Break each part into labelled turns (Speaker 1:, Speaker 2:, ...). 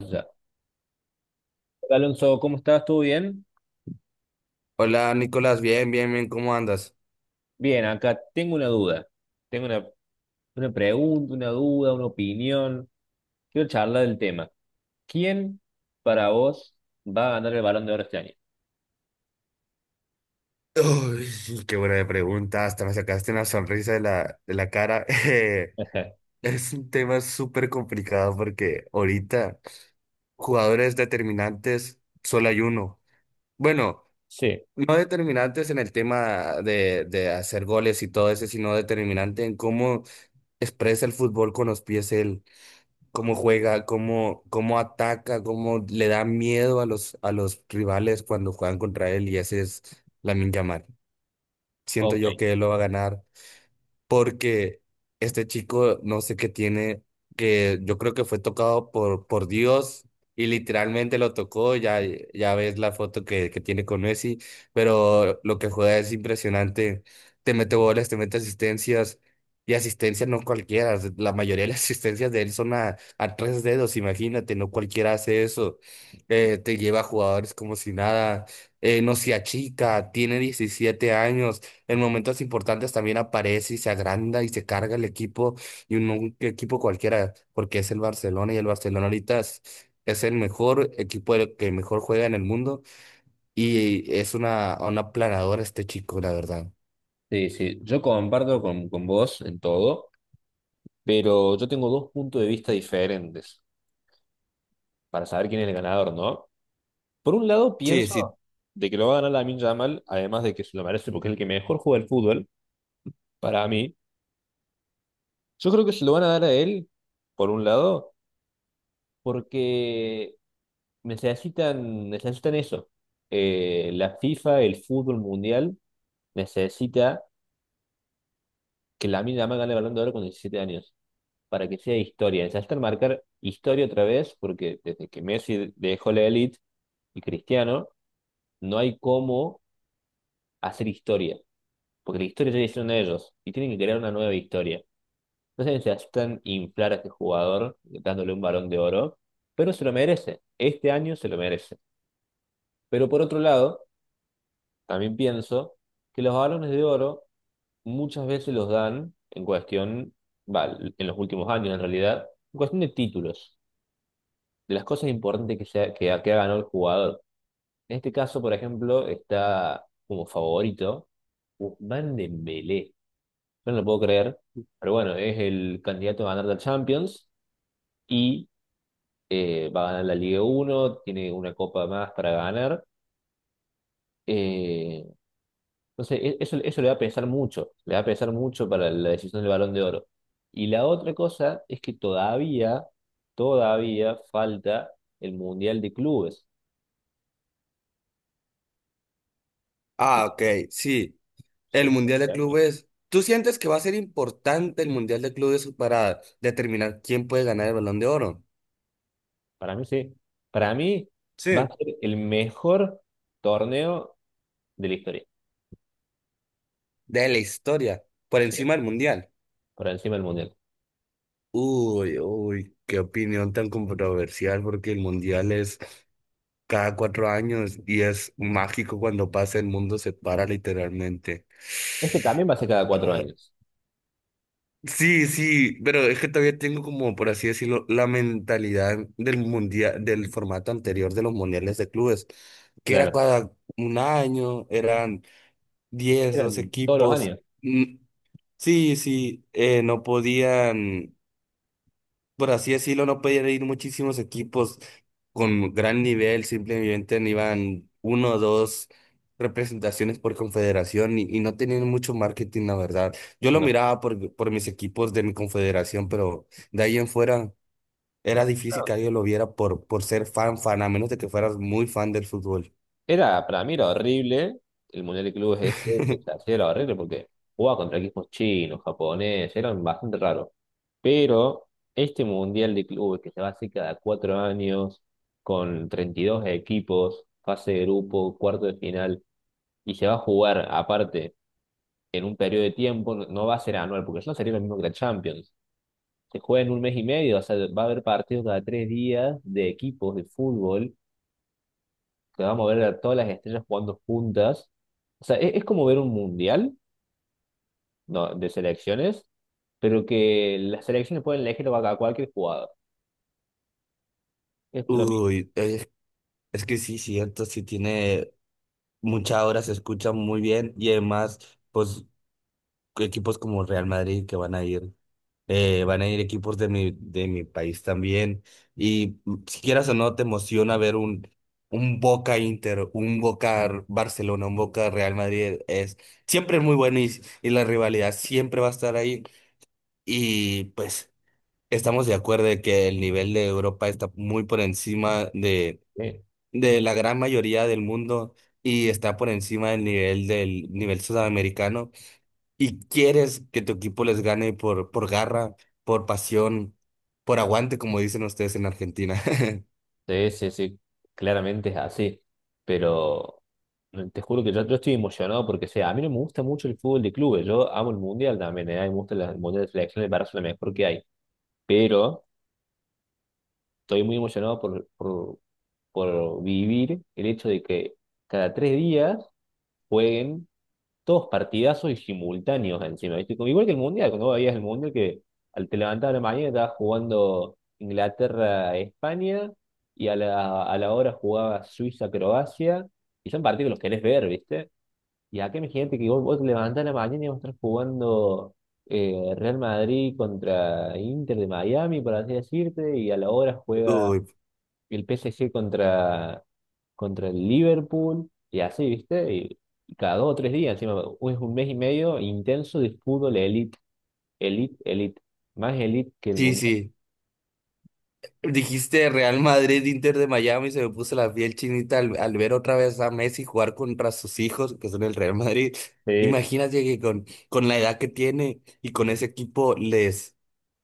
Speaker 1: Ya. Hola, Alonso, ¿cómo estás? ¿Todo bien?
Speaker 2: Hola Nicolás, bien, bien, bien, ¿cómo andas?
Speaker 1: Bien, acá tengo una duda. Tengo una pregunta, una duda, una opinión. Quiero charlar del tema. ¿Quién para vos va a ganar el Balón de Oro este año?
Speaker 2: Uy, qué buena pregunta, hasta me sacaste una sonrisa de la cara.
Speaker 1: Ajá.
Speaker 2: Es un tema súper complicado porque ahorita jugadores determinantes solo hay uno. Bueno,
Speaker 1: Sí,
Speaker 2: no determinantes en el tema de hacer goles y todo eso, sino determinante en cómo expresa el fútbol con los pies él. Cómo juega, cómo, cómo ataca, cómo le da miedo a los rivales cuando juegan contra él, y ese es Lamine Yamal. Siento
Speaker 1: ok.
Speaker 2: yo que él lo va a ganar porque este chico no sé qué tiene, que yo creo que fue tocado por Dios y literalmente lo tocó, ya, ya ves la foto que tiene con Messi, pero lo que juega es impresionante, te mete goles, te mete asistencias, y asistencias no cualquiera, la mayoría de las asistencias de él son a tres dedos, imagínate, no cualquiera hace eso. Te lleva a jugadores como si nada. No se achica, tiene 17 años. En momentos importantes también aparece y se agranda y se carga el equipo, y un equipo cualquiera, porque es el Barcelona, y el Barcelona ahorita es el mejor equipo, el que mejor juega en el mundo, y es una aplanadora este chico, la verdad.
Speaker 1: Sí, sí, yo comparto con vos en todo, pero yo tengo dos puntos de vista diferentes para saber quién es el ganador, ¿no? Por un lado,
Speaker 2: Sí,
Speaker 1: pienso
Speaker 2: sí.
Speaker 1: de que lo va a ganar Lamine Yamal, además de que se lo merece porque es el que mejor juega el fútbol, para mí. Yo creo que se lo van a dar a él, por un lado, porque necesitan eso. La FIFA, el fútbol mundial, necesita que la Yamal gane el Balón de Oro con 17 años, para que sea historia. Necesitan marcar historia otra vez, porque desde que Messi dejó la élite y Cristiano, no hay cómo hacer historia, porque la historia ya la hicieron ellos y tienen que crear una nueva historia. No sé si necesitan inflar a este jugador dándole un balón de oro, pero se lo merece. Este año se lo merece. Pero por otro lado, también pienso que los balones de oro muchas veces los dan en cuestión, va, en los últimos años en realidad, en cuestión de títulos, de las cosas importantes que, se ha- que, ha- que ha ganado el jugador. En este caso, por ejemplo, está como favorito Ousmane Dembélé. Yo no lo puedo creer, pero bueno, es el candidato a ganar la Champions. Y va a ganar la Liga 1, tiene una copa más para ganar. eh, entonces, eso le va a pesar mucho, le va a pesar mucho para la decisión del Balón de Oro. Y la otra cosa es que todavía falta el Mundial de Clubes,
Speaker 2: Ah,
Speaker 1: que
Speaker 2: ok, sí.
Speaker 1: se
Speaker 2: El
Speaker 1: juega
Speaker 2: Mundial de
Speaker 1: este año.
Speaker 2: Clubes. ¿Tú sientes que va a ser importante el Mundial de Clubes para determinar quién puede ganar el Balón de Oro?
Speaker 1: Para mí sí. Para mí va
Speaker 2: Sí.
Speaker 1: a ser el mejor torneo de la historia,
Speaker 2: De la historia, por
Speaker 1: sí,
Speaker 2: encima del Mundial.
Speaker 1: por encima del Mundial.
Speaker 2: Uy, uy, qué opinión tan controversial porque el mundial es cada 4 años y es mágico cuando pasa, el mundo se para literalmente.
Speaker 1: Este también va a ser cada cuatro
Speaker 2: Ah,
Speaker 1: años,
Speaker 2: sí, sí, pero es que todavía tengo como, por así decirlo, la mentalidad del mundial, del formato anterior de los mundiales de clubes, que era
Speaker 1: claro.
Speaker 2: cada un año, eran diez dos
Speaker 1: Eran todos los
Speaker 2: equipos.
Speaker 1: años.
Speaker 2: Mm, Sí, sí, no podían, por así decirlo, no podían ir muchísimos equipos con gran nivel, simplemente no iban uno o dos representaciones por confederación, y no tenían mucho marketing, la verdad. Yo lo
Speaker 1: No.
Speaker 2: miraba por mis equipos de mi confederación, pero de ahí en fuera era difícil que alguien lo viera por ser fan, fan, a menos de que fueras muy fan del fútbol.
Speaker 1: Era, para mí era horrible el Mundial de Clubes este, que se hacía era horrible porque jugaba contra equipos chinos, japoneses, eran bastante raros. Pero este Mundial de Clubes que se va a hacer cada 4 años, con 32 equipos, fase de grupo, cuarto de final, y se va a jugar aparte en un periodo de tiempo, no, no va a ser anual, porque eso no sería lo mismo que la Champions. Se juega en un mes y medio, o sea, va a haber partidos cada 3 días de equipos de fútbol que vamos a ver a todas las estrellas jugando juntas. O sea, es como ver un mundial, ¿no? De selecciones, pero que las selecciones pueden elegir a cualquier jugador. Es lo mismo.
Speaker 2: Uy, es que sí, cierto, sí tiene mucha hora, se escucha muy bien y además, pues equipos como Real Madrid que van a ir. Van a ir equipos de mi país también. Y mm, si quieras o no, te emociona ver un Boca Inter, un Boca Barcelona, un Boca Real Madrid. Es siempre muy bueno, y la rivalidad siempre va a estar ahí. Y pues estamos de acuerdo de que el nivel de Europa está muy por encima
Speaker 1: ¿Eh?
Speaker 2: de la gran mayoría del mundo y está por encima del nivel sudamericano, y quieres que tu equipo les gane por garra, por pasión, por aguante, como dicen ustedes en Argentina.
Speaker 1: Sí, sí, sí, claramente es así. Pero te juro que yo estoy emocionado porque, o sea, a mí no me gusta mucho el fútbol de clubes. Yo amo el mundial también, ¿eh? A mí me gusta el mundial de selecciones, me parece lo mejor que hay. Pero estoy muy emocionado por vivir el hecho de que cada 3 días jueguen todos partidazos y simultáneos encima, ¿viste? Como igual que el Mundial, cuando vos veías el Mundial que al te levantar a la mañana estabas jugando Inglaterra-España y a a la hora jugaba Suiza-Croacia y son partidos que los querés ver, ¿viste? Y acá imagínate que vos te levantás a la mañana y vas a estar jugando Real Madrid contra Inter de Miami, por así decirte, y a la hora juega
Speaker 2: Uy,
Speaker 1: el PSG contra el Liverpool y así, ¿viste? Y cada dos o tres días, encima, u- es un mes y medio intenso de fútbol elite, elite, elite, más elite que el
Speaker 2: sí,
Speaker 1: mundo.
Speaker 2: sí. Dijiste Real Madrid, Inter de Miami, se me puso la piel chinita al, al ver otra vez a Messi jugar contra sus hijos, que son el Real Madrid.
Speaker 1: Es,
Speaker 2: Imagínate que con la edad que tiene y con ese equipo les,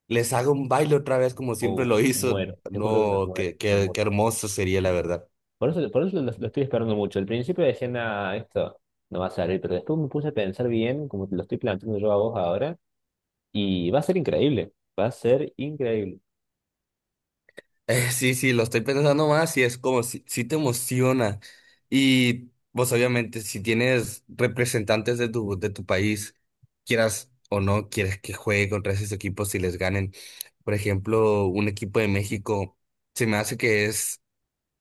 Speaker 2: les haga un baile otra vez como siempre lo
Speaker 1: oh, me
Speaker 2: hizo.
Speaker 1: muero, te juro que me
Speaker 2: No,
Speaker 1: muero,
Speaker 2: qué,
Speaker 1: me
Speaker 2: qué, qué
Speaker 1: muero.
Speaker 2: hermoso sería, la verdad.
Speaker 1: Por eso lo estoy esperando mucho. Al principio decía, nada, esto no va a salir, pero después me puse a pensar bien, como te lo estoy planteando yo a vos ahora, y va a ser increíble, va a ser increíble.
Speaker 2: Sí, sí, lo estoy pensando más y es como si, si te emociona. Y pues obviamente si tienes representantes de tu país, quieras o no, quieres que juegue contra esos equipos y les ganen. Por ejemplo, un equipo de México, se me hace que es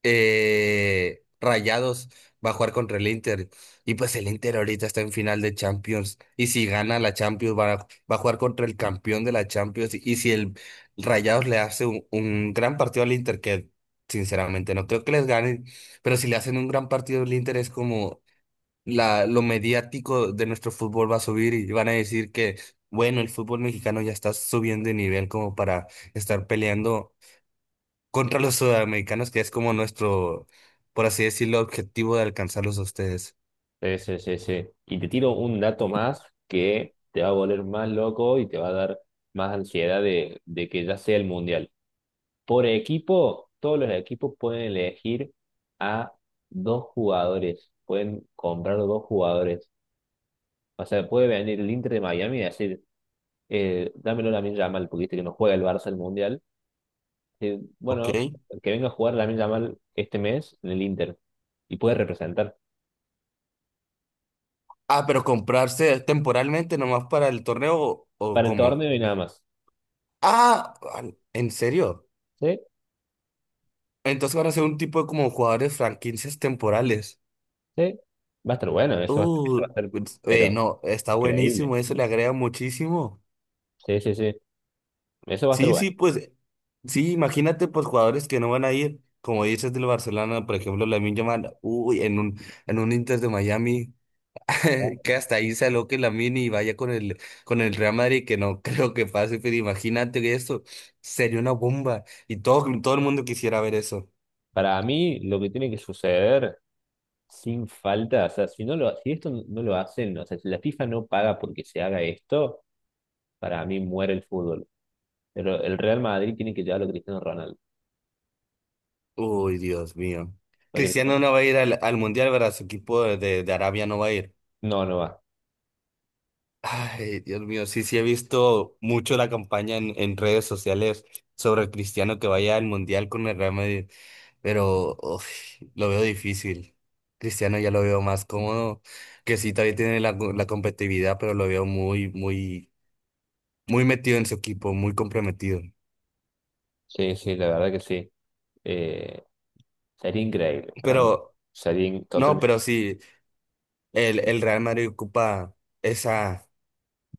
Speaker 2: Rayados va a jugar contra el Inter. Y pues el Inter ahorita está en final de Champions. Y si gana la Champions, va a, va a jugar contra el campeón de la Champions. Y si el Rayados le hace un gran partido al Inter, que sinceramente no creo que les ganen, pero si le hacen un gran partido al Inter, es como la, lo mediático de nuestro fútbol va a subir y van a decir que, bueno, el fútbol mexicano ya está subiendo de nivel como para estar peleando contra los sudamericanos, que es como nuestro, por así decirlo, objetivo de alcanzarlos a ustedes.
Speaker 1: Sí, sí, sí, sí. Y te tiro un dato más que te va a volver más loco y te va a dar más ansiedad de que ya sea el mundial. Por equipo, todos los equipos pueden elegir a 2 jugadores, pueden comprar 2 jugadores. O sea, puede venir el Inter de Miami y decir, dámelo a Lamine Yamal, porque viste que no juega el Barça el mundial. Eh,
Speaker 2: Ok.
Speaker 1: bueno, que venga a jugar Lamine Yamal este mes en el Inter y puede representar
Speaker 2: Ah, pero comprarse temporalmente nomás para el torneo o
Speaker 1: para el
Speaker 2: cómo.
Speaker 1: torneo y nada más.
Speaker 2: Ah, al- ¿en serio?
Speaker 1: ¿Sí?
Speaker 2: Entonces van a ser un tipo de como jugadores franquicias temporales.
Speaker 1: Sí, va a estar bueno, eso va a ser,
Speaker 2: Pues,
Speaker 1: pero
Speaker 2: no, está
Speaker 1: increíble.
Speaker 2: buenísimo, eso le agrega muchísimo.
Speaker 1: Sí, sí, sí, eso va a estar
Speaker 2: Sí,
Speaker 1: bueno.
Speaker 2: sí, pues, sí, imagínate pues jugadores que no van a ir, como dices del Barcelona, por ejemplo, Lamine Yamal, uy, en un Inter de Miami.
Speaker 1: ¿No?
Speaker 2: Que hasta ahí se aloque Lamine y vaya con el Real Madrid, que no creo que pase, pero imagínate que eso sería una bomba y todo, todo el mundo quisiera ver eso.
Speaker 1: Para mí, lo que tiene que suceder sin falta, o sea, si esto no lo hacen, o sea, si la FIFA no paga porque se haga esto, para mí muere el fútbol. Pero el Real Madrid tiene que llevarlo a Cristiano Ronaldo.
Speaker 2: Uy, Dios mío.
Speaker 1: Porque
Speaker 2: Cristiano
Speaker 1: Cristiano-
Speaker 2: no va a ir al, al Mundial, ¿verdad? Su equipo de Arabia no va a ir.
Speaker 1: no, no va.
Speaker 2: Ay, Dios mío, sí, sí he visto mucho la campaña en redes sociales sobre el Cristiano, que vaya al Mundial con el Real Madrid. Pero uf, lo veo difícil. Cristiano ya lo veo más cómodo, que sí, todavía tiene la, la competitividad, pero lo veo muy, muy, muy metido en su equipo, muy comprometido.
Speaker 1: Sí, sí, la verdad que sí. Eh, Sería increíble para mí.
Speaker 2: Pero, no,
Speaker 1: Totalmente.
Speaker 2: pero sí, el Real Madrid ocupa esa,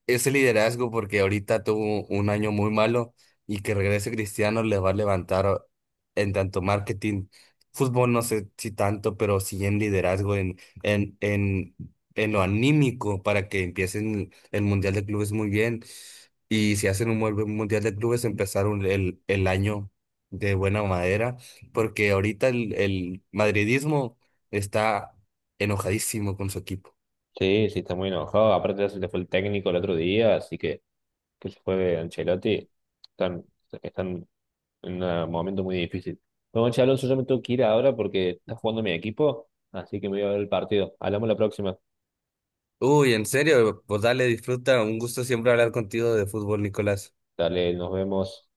Speaker 2: ese liderazgo porque ahorita tuvo un año muy malo y que regrese Cristiano le va a levantar en tanto marketing, fútbol no sé si tanto, pero sí en liderazgo, en, en, en, en lo anímico para que empiecen el Mundial de Clubes muy bien, y si hacen un buen Mundial de Clubes empezar el año de buena madera, porque ahorita el madridismo está enojadísimo con su equipo.
Speaker 1: Sí, sí, está muy enojado. Aparte, ya se le fue el técnico el otro día, así que. Que se fue Ancelotti, están, están en un momento muy difícil. Bueno, che, Alonso, yo me tengo que ir ahora porque está jugando mi equipo, así que me voy a ver el partido. Hablamos la próxima.
Speaker 2: Uy, en serio, pues dale, disfruta. Un gusto siempre hablar contigo de fútbol, Nicolás.
Speaker 1: Dale, nos vemos.